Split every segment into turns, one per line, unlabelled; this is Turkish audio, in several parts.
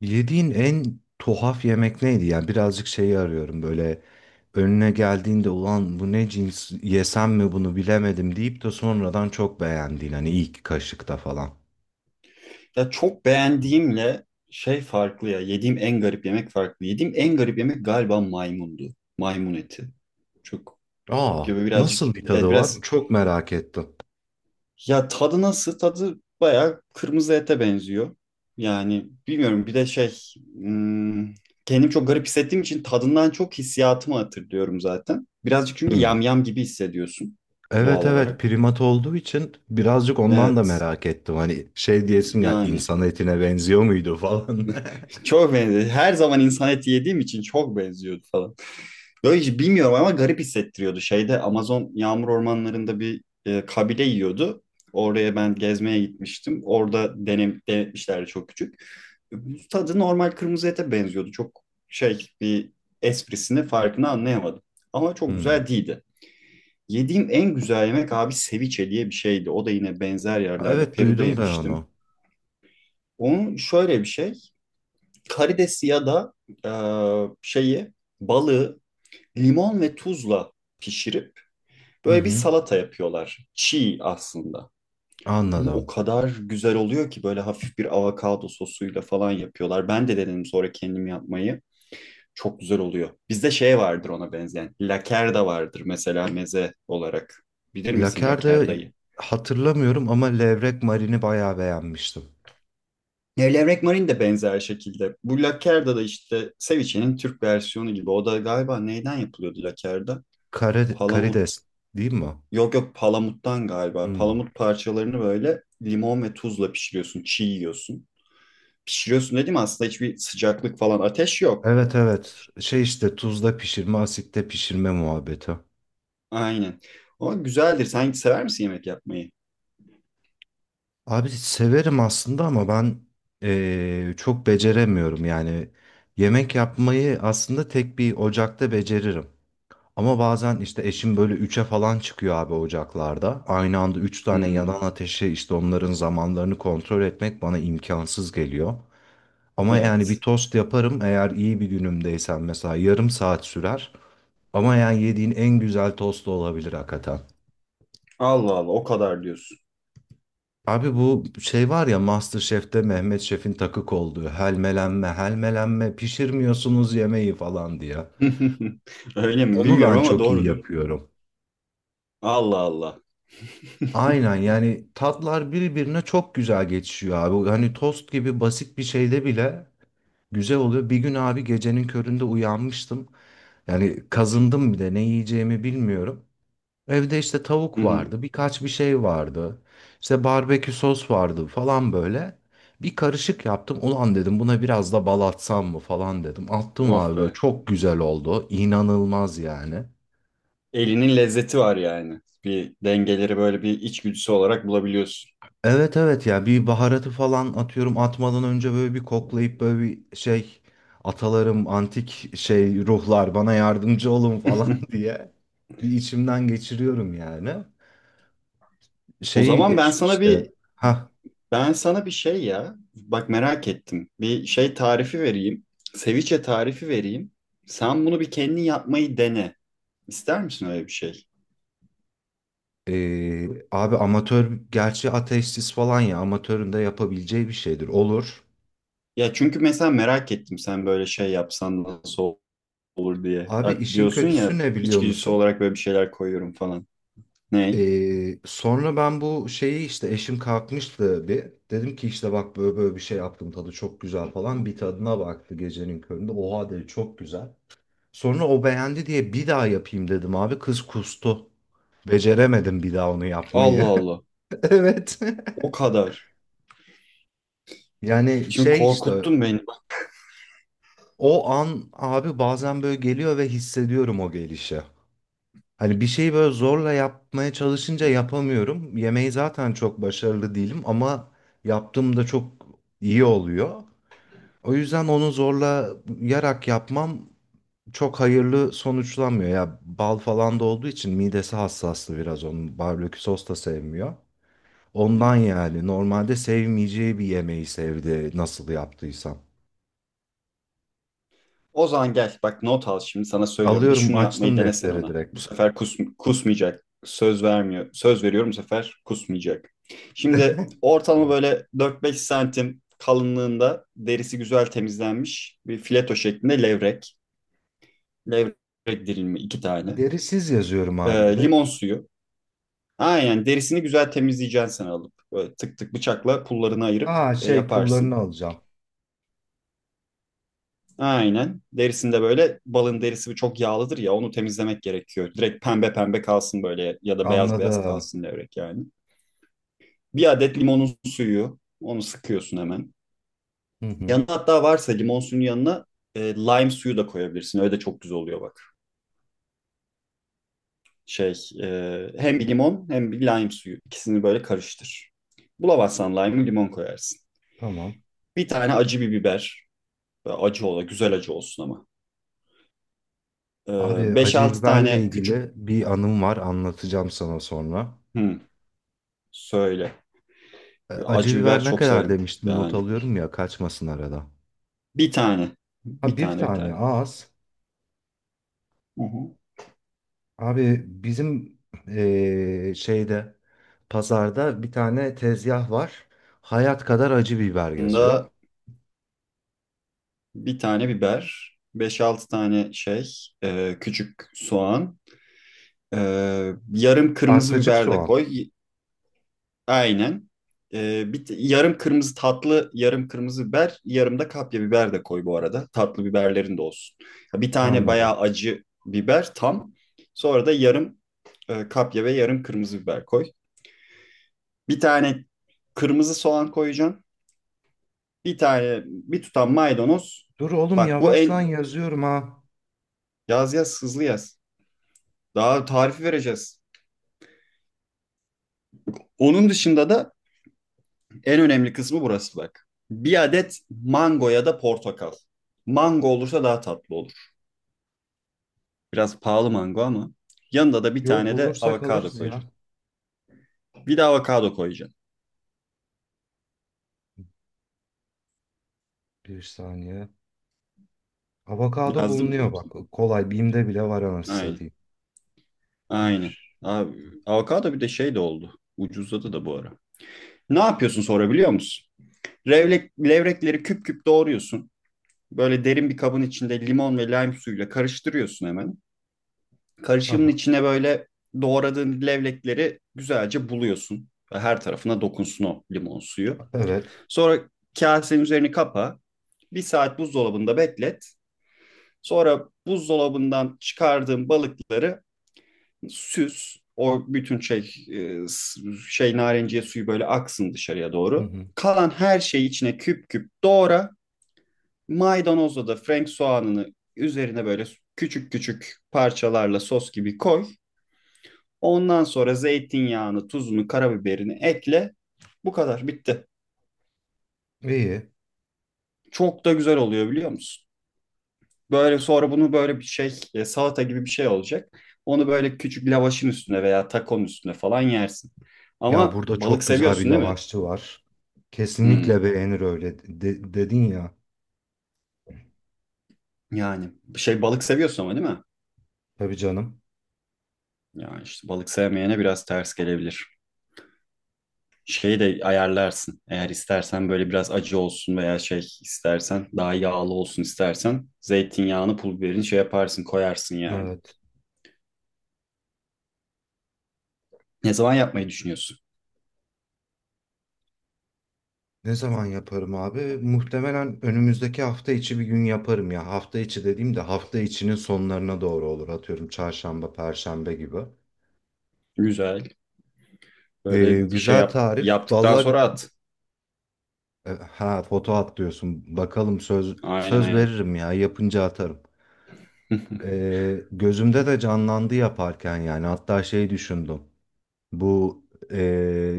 Yediğin en tuhaf yemek neydi? Yani birazcık şeyi arıyorum böyle önüne geldiğinde ulan bu ne cins yesem mi bunu bilemedim deyip de sonradan çok beğendiğin hani ilk kaşıkta falan.
Ya çok beğendiğimle şey farklı ya. Yediğim en garip yemek farklı. Yediğim en garip yemek galiba maymundu. Maymun eti. Çok
Aa
gibi birazcık.
nasıl bir tadı
Evet
var?
biraz.
Çok merak ettim.
Ya tadı nasıl? Tadı bayağı kırmızı ete benziyor. Yani bilmiyorum bir de şey. hmm, Kendim çok garip hissettiğim için tadından çok hissiyatımı hatırlıyorum zaten. Birazcık çünkü
Hmm.
yamyam gibi hissediyorsun doğal
Evet evet,
olarak.
primat olduğu için birazcık ondan da
Evet
merak ettim. Hani şey diyesin ya,
yani
insan etine benziyor muydu falan.
çok benziyor. Her zaman insan eti yediğim için çok benziyordu falan. Böyle hiç bilmiyorum ama garip hissettiriyordu. Şeyde Amazon yağmur ormanlarında bir kabile yiyordu. Oraya ben gezmeye gitmiştim. Orada denetmişlerdi çok küçük. Tadı normal kırmızı ete benziyordu. Çok şey bir esprisini farkını anlayamadım. Ama çok
Hmm.
güzel değildi. Yediğim en güzel yemek abi ceviche diye bir şeydi. O da yine benzer yerlerde
Evet,
Peru'da
duydum ben
yemiştim.
onu.
Onun şöyle bir şey. Karidesi ya da e, şeyi balığı limon ve tuzla pişirip
Hı
böyle bir
hı,
salata yapıyorlar. Çiğ aslında. Ama o
anladım.
kadar güzel oluyor ki böyle hafif bir avokado sosuyla falan yapıyorlar. Ben de denedim sonra kendim yapmayı. Çok güzel oluyor. Bizde şey vardır ona benzeyen. Lakerda vardır mesela meze olarak. Bilir misin
Laker'de
lakerdayı?
hatırlamıyorum ama levrek marini bayağı beğenmiştim.
Levrek marin de benzer şekilde. Bu lakerda da işte ceviche'nin Türk versiyonu gibi. O da galiba neyden yapılıyordu lakerda?
Kare,
Palamut.
karides değil mi o?
Yok, yok, palamuttan galiba.
Hmm.
Palamut parçalarını böyle limon ve tuzla pişiriyorsun, çiğ yiyorsun. Pişiriyorsun dedim aslında hiçbir sıcaklık falan ateş yok.
Evet evet. Şey işte tuzda pişirme, asitte pişirme muhabbeti.
Aynen. O güzeldir. Sen sever misin yemek yapmayı?
Abi severim aslında ama ben çok beceremiyorum yani. Yemek yapmayı aslında tek bir ocakta beceririm. Ama bazen işte eşim böyle üçe falan çıkıyor abi ocaklarda. Aynı anda üç tane yanan
Hmm,
ateşe, işte onların zamanlarını kontrol etmek bana imkansız geliyor. Ama yani bir
evet.
tost yaparım, eğer iyi bir günümdeysem mesela yarım saat sürer. Ama yani yediğin en güzel tost da olabilir hakikaten.
Allah Allah o kadar diyorsun.
Abi bu şey var ya, MasterChef'te Mehmet Şef'in takık olduğu, helmelenme helmelenme pişirmiyorsunuz yemeği falan diye.
Öyle mi
Onu
bilmiyorum
ben
ama
çok iyi
doğrudur.
yapıyorum.
Allah Allah.
Aynen, yani tatlar birbirine çok güzel geçişiyor abi. Hani tost gibi basit bir şeyde bile güzel oluyor. Bir gün abi gecenin köründe uyanmıştım. Yani kazındım bir de, ne yiyeceğimi bilmiyorum. Evde işte
Hı
tavuk
hı.
vardı, birkaç bir şey vardı. İşte barbekü sos vardı falan böyle. Bir karışık yaptım. Ulan dedim buna biraz da bal atsam mı falan dedim. Attım
Of
abi, böyle
be.
çok güzel oldu. İnanılmaz yani.
Elinin lezzeti var yani. Bir dengeleri böyle bir içgüdüsü olarak bulabiliyorsun.
Evet evet ya, bir baharatı falan atıyorum, atmadan önce böyle bir koklayıp böyle bir şey, atalarım antik şey ruhlar bana yardımcı olun falan diye bir içimden geçiriyorum yani.
O
Şeyi
zaman ben
eşim
sana
işte
bir
ha.
Ben sana bir şey ya, bak merak ettim. Bir şey tarifi vereyim. Seviçe tarifi vereyim. Sen bunu bir kendin yapmayı dene. İster misin öyle bir şey?
Abi amatör, gerçi ateistsiz falan, ya amatörün de yapabileceği bir şeydir, olur.
Ya çünkü mesela merak ettim sen böyle şey yapsan nasıl olur diye.
Abi
Ya
işin
diyorsun
kötüsü
ya
ne biliyor
içgüdüsü
musun?
olarak böyle bir şeyler koyuyorum falan. Ne?
Sonra ben bu şeyi işte, eşim kalkmıştı bir. Dedim ki işte bak böyle böyle bir şey yaptım, tadı çok güzel falan. Bir tadına baktı gecenin köründe. Oha dedi, çok güzel. Sonra o beğendi diye bir daha yapayım dedim abi. Kız kustu. Beceremedim bir daha onu
Allah
yapmayı.
Allah.
Evet.
O kadar.
Yani
Şimdi
şey işte,
korkuttun beni.
o an abi bazen böyle geliyor ve hissediyorum o gelişi. Hani bir şeyi böyle zorla yapmaya
Hı,
çalışınca yapamıyorum. Yemeği zaten çok başarılı değilim ama yaptığımda çok iyi oluyor. O yüzden onu zorla yarak yapmam çok hayırlı sonuçlanmıyor. Ya bal falan da olduğu için midesi hassaslı biraz onun. Barbekü sos da sevmiyor.
hı.
Ondan yani, normalde sevmeyeceği bir yemeği sevdi, nasıl yaptıysam.
O zaman gel bak not al şimdi sana söylüyorum. Bir
Alıyorum,
şunu yapmayı
açtım
denesen
deftere
ona.
direkt.
Bu sefer kusmayacak. Söz vermiyor. Söz veriyorum bu sefer kusmayacak. Şimdi ortalama böyle 4-5 santim kalınlığında derisi güzel temizlenmiş bir fileto şeklinde levrek. Levrek dilimi iki tane.
Derisiz yazıyorum abi direkt.
Limon suyu. Aynen derisini güzel temizleyeceksin sen alıp. Böyle tık tık bıçakla pullarını ayırıp
Aa, şey, pullarını
yaparsın.
alacağım.
Aynen. Derisinde böyle balın derisi çok yağlıdır ya onu temizlemek gerekiyor. Direkt pembe pembe kalsın böyle ya da beyaz beyaz
Anladım.
kalsın levrek yani. Bir adet limonun suyu onu sıkıyorsun hemen.
Hı hı,
Yanına hatta varsa limon suyunun yanına lime suyu da koyabilirsin. Öyle de çok güzel oluyor bak. Şey hem bir limon hem bir lime suyu ikisini böyle karıştır. Bulamazsan lime'ı limon koyarsın.
tamam.
Bir tane acı bir biber. Böyle acı ola güzel acı olsun ama. E,
Abi, acı
5-6
biberle
tane küçük.
ilgili bir anım var, anlatacağım sana sonra.
Hı, söyle.
Acı
Acı biber
biber ne
çok
kadar
severim.
demiştin, not
Yani
alıyorum ya, kaçmasın arada.
bir tane.
Ha,
Bir
bir
tane bir
tane
tane.
az.
Hı hı.
Abi bizim şeyde, pazarda bir tane tezgah var. Hayat kadar acı biber yazıyor.
Bunda bir tane biber, beş altı tane şey, küçük soğan, e, yarım kırmızı
Arpacık
biber de
soğan.
koy. Aynen. Yarım kırmızı tatlı, yarım kırmızı biber, yarım da kapya biber de koy bu arada. Tatlı biberlerin de olsun. Ya bir tane
Anladım.
bayağı acı biber tam. Sonra da yarım kapya ve yarım kırmızı biber koy. Bir tane kırmızı soğan koyacaksın. Bir tane bir tutam maydanoz.
Dur oğlum,
Bak bu
yavaştan yazıyorum ha.
yaz yaz hızlı yaz. Daha tarifi vereceğiz. Onun dışında da en önemli kısmı burası bak. Bir adet mango ya da portakal. Mango olursa daha tatlı olur. Biraz pahalı mango ama yanında da bir
Yo,
tane de
bulursak
avokado
alırız ya.
koyacaksın. Bir de avokado koyacaksın.
Bir saniye. Avokado
Yazdım mı
bulunuyor bak.
hepsini?
Kolay. Bim'de bile var, anasını
Aynen.
satayım.
Aynen.
Bir.
Abi, avokado bir de şey de oldu. Ucuzladı da bu ara. Ne yapıyorsun sonra biliyor musun? Levrekleri küp küp doğruyorsun. Böyle derin bir kabın içinde limon ve lime suyuyla karıştırıyorsun hemen. Karışımın
Aha,
içine böyle doğradığın levlekleri güzelce buluyorsun. Ve her tarafına dokunsun o limon suyu.
evet.
Sonra kasenin üzerini kapa. Bir saat buzdolabında beklet. Sonra buzdolabından çıkardığın balıkları süz. O bütün şey narenciye suyu böyle aksın dışarıya
Hı
doğru.
hı.
Kalan her şeyi içine küp küp doğra. Maydanozla da Frank soğanını üzerine böyle küçük küçük parçalarla sos gibi koy. Ondan sonra zeytinyağını, tuzunu, karabiberini ekle. Bu kadar bitti.
İyi.
Çok da güzel oluyor biliyor musun? Böyle sonra bunu böyle bir şey salata gibi bir şey olacak. Onu böyle küçük lavaşın üstüne veya takonun üstüne falan yersin.
Ya,
Ama
burada
balık
çok güzel bir
seviyorsun değil mi?
lavaşçı var.
Hmm.
Kesinlikle beğenir, öyle de- dedin ya.
Yani bir şey balık seviyorsun ama değil mi?
Tabii canım.
Yani işte balık sevmeyene biraz ters gelebilir. Şeyi de ayarlarsın. Eğer istersen böyle biraz acı olsun veya şey istersen daha yağlı olsun istersen zeytinyağını pul biberini şey yaparsın koyarsın yani.
Evet.
Ne zaman yapmayı düşünüyorsun?
Ne zaman yaparım abi? Muhtemelen önümüzdeki hafta içi bir gün yaparım ya. Hafta içi dediğim de hafta içinin sonlarına doğru olur. Atıyorum çarşamba, perşembe gibi.
Güzel. Böyle şey
Güzel
yap,
tarif.
yaptıktan
Vallahi,
sonra at.
Ha foto at diyorsun. Bakalım, söz
Aynen
söz
aynen.
veririm ya, yapınca atarım. Gözümde de canlandı yaparken, yani hatta şey düşündüm. Bu, e,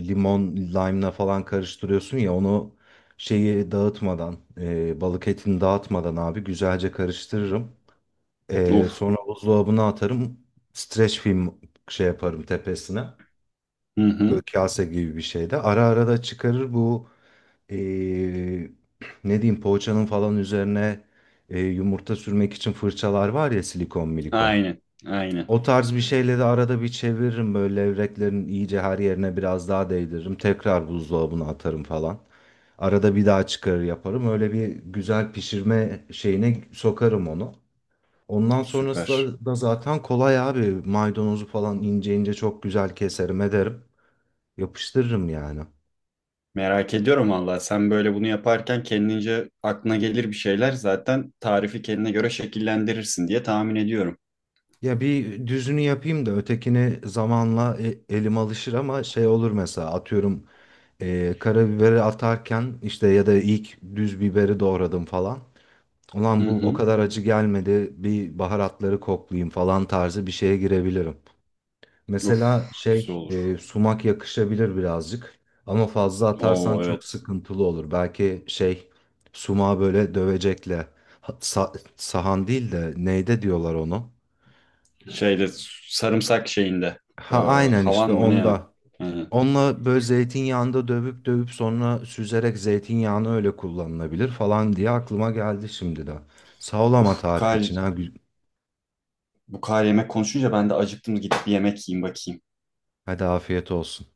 limon lime'la falan karıştırıyorsun ya onu, şeyi dağıtmadan, balık etini dağıtmadan abi güzelce karıştırırım.
Of.
Sonra buzdolabına atarım. Streç film şey yaparım tepesine.
Hı
Böyle
hı.
kase gibi bir şeyde. Ara ara da çıkarır bu, eee, ne diyeyim, poğaçanın falan üzerine, yumurta sürmek için fırçalar var ya, silikon milikon.
Aynen. Aynen.
O tarz bir şeyle de arada bir çeviririm, böyle levreklerin iyice her yerine biraz daha değdiririm. Tekrar buzdolabına atarım falan. Arada bir daha çıkarır yaparım. Öyle bir güzel pişirme şeyine sokarım onu. Ondan sonrası
Süper.
da zaten kolay abi. Maydanozu falan ince ince çok güzel keserim ederim. Yapıştırırım yani.
Merak ediyorum valla. Sen böyle bunu yaparken kendince aklına gelir bir şeyler zaten tarifi kendine göre şekillendirirsin diye tahmin ediyorum.
Ya bir düzünü yapayım da ötekini zamanla e- elim alışır, ama şey olur mesela, atıyorum karabiberi atarken işte, ya da ilk düz biberi doğradım falan.
Hı
Ulan bu o
hı.
kadar acı gelmedi, bir baharatları koklayayım falan tarzı bir şeye girebilirim.
Of.
Mesela
Güzel
şey,
olur.
sumak yakışabilir birazcık ama fazla atarsan
Oo
çok
evet.
sıkıntılı olur. Belki şey, sumağı böyle dövecekle, ha- sa- sahan değil de neyde diyorlar onu.
Şeyde sarımsak şeyinde. Ee,
Ha aynen, işte
havan mı ne ya?
onda.
Aynen.
Onunla böyle zeytinyağında dövüp dövüp sonra süzerek zeytinyağını öyle kullanılabilir falan diye aklıma geldi şimdi de. Sağ ol ama
Uf,
tarifi için ha. Gü-
bu kadar yemek konuşunca ben de acıktım. Gidip bir yemek yiyeyim bakayım.
Hadi afiyet olsun.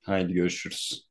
Haydi görüşürüz.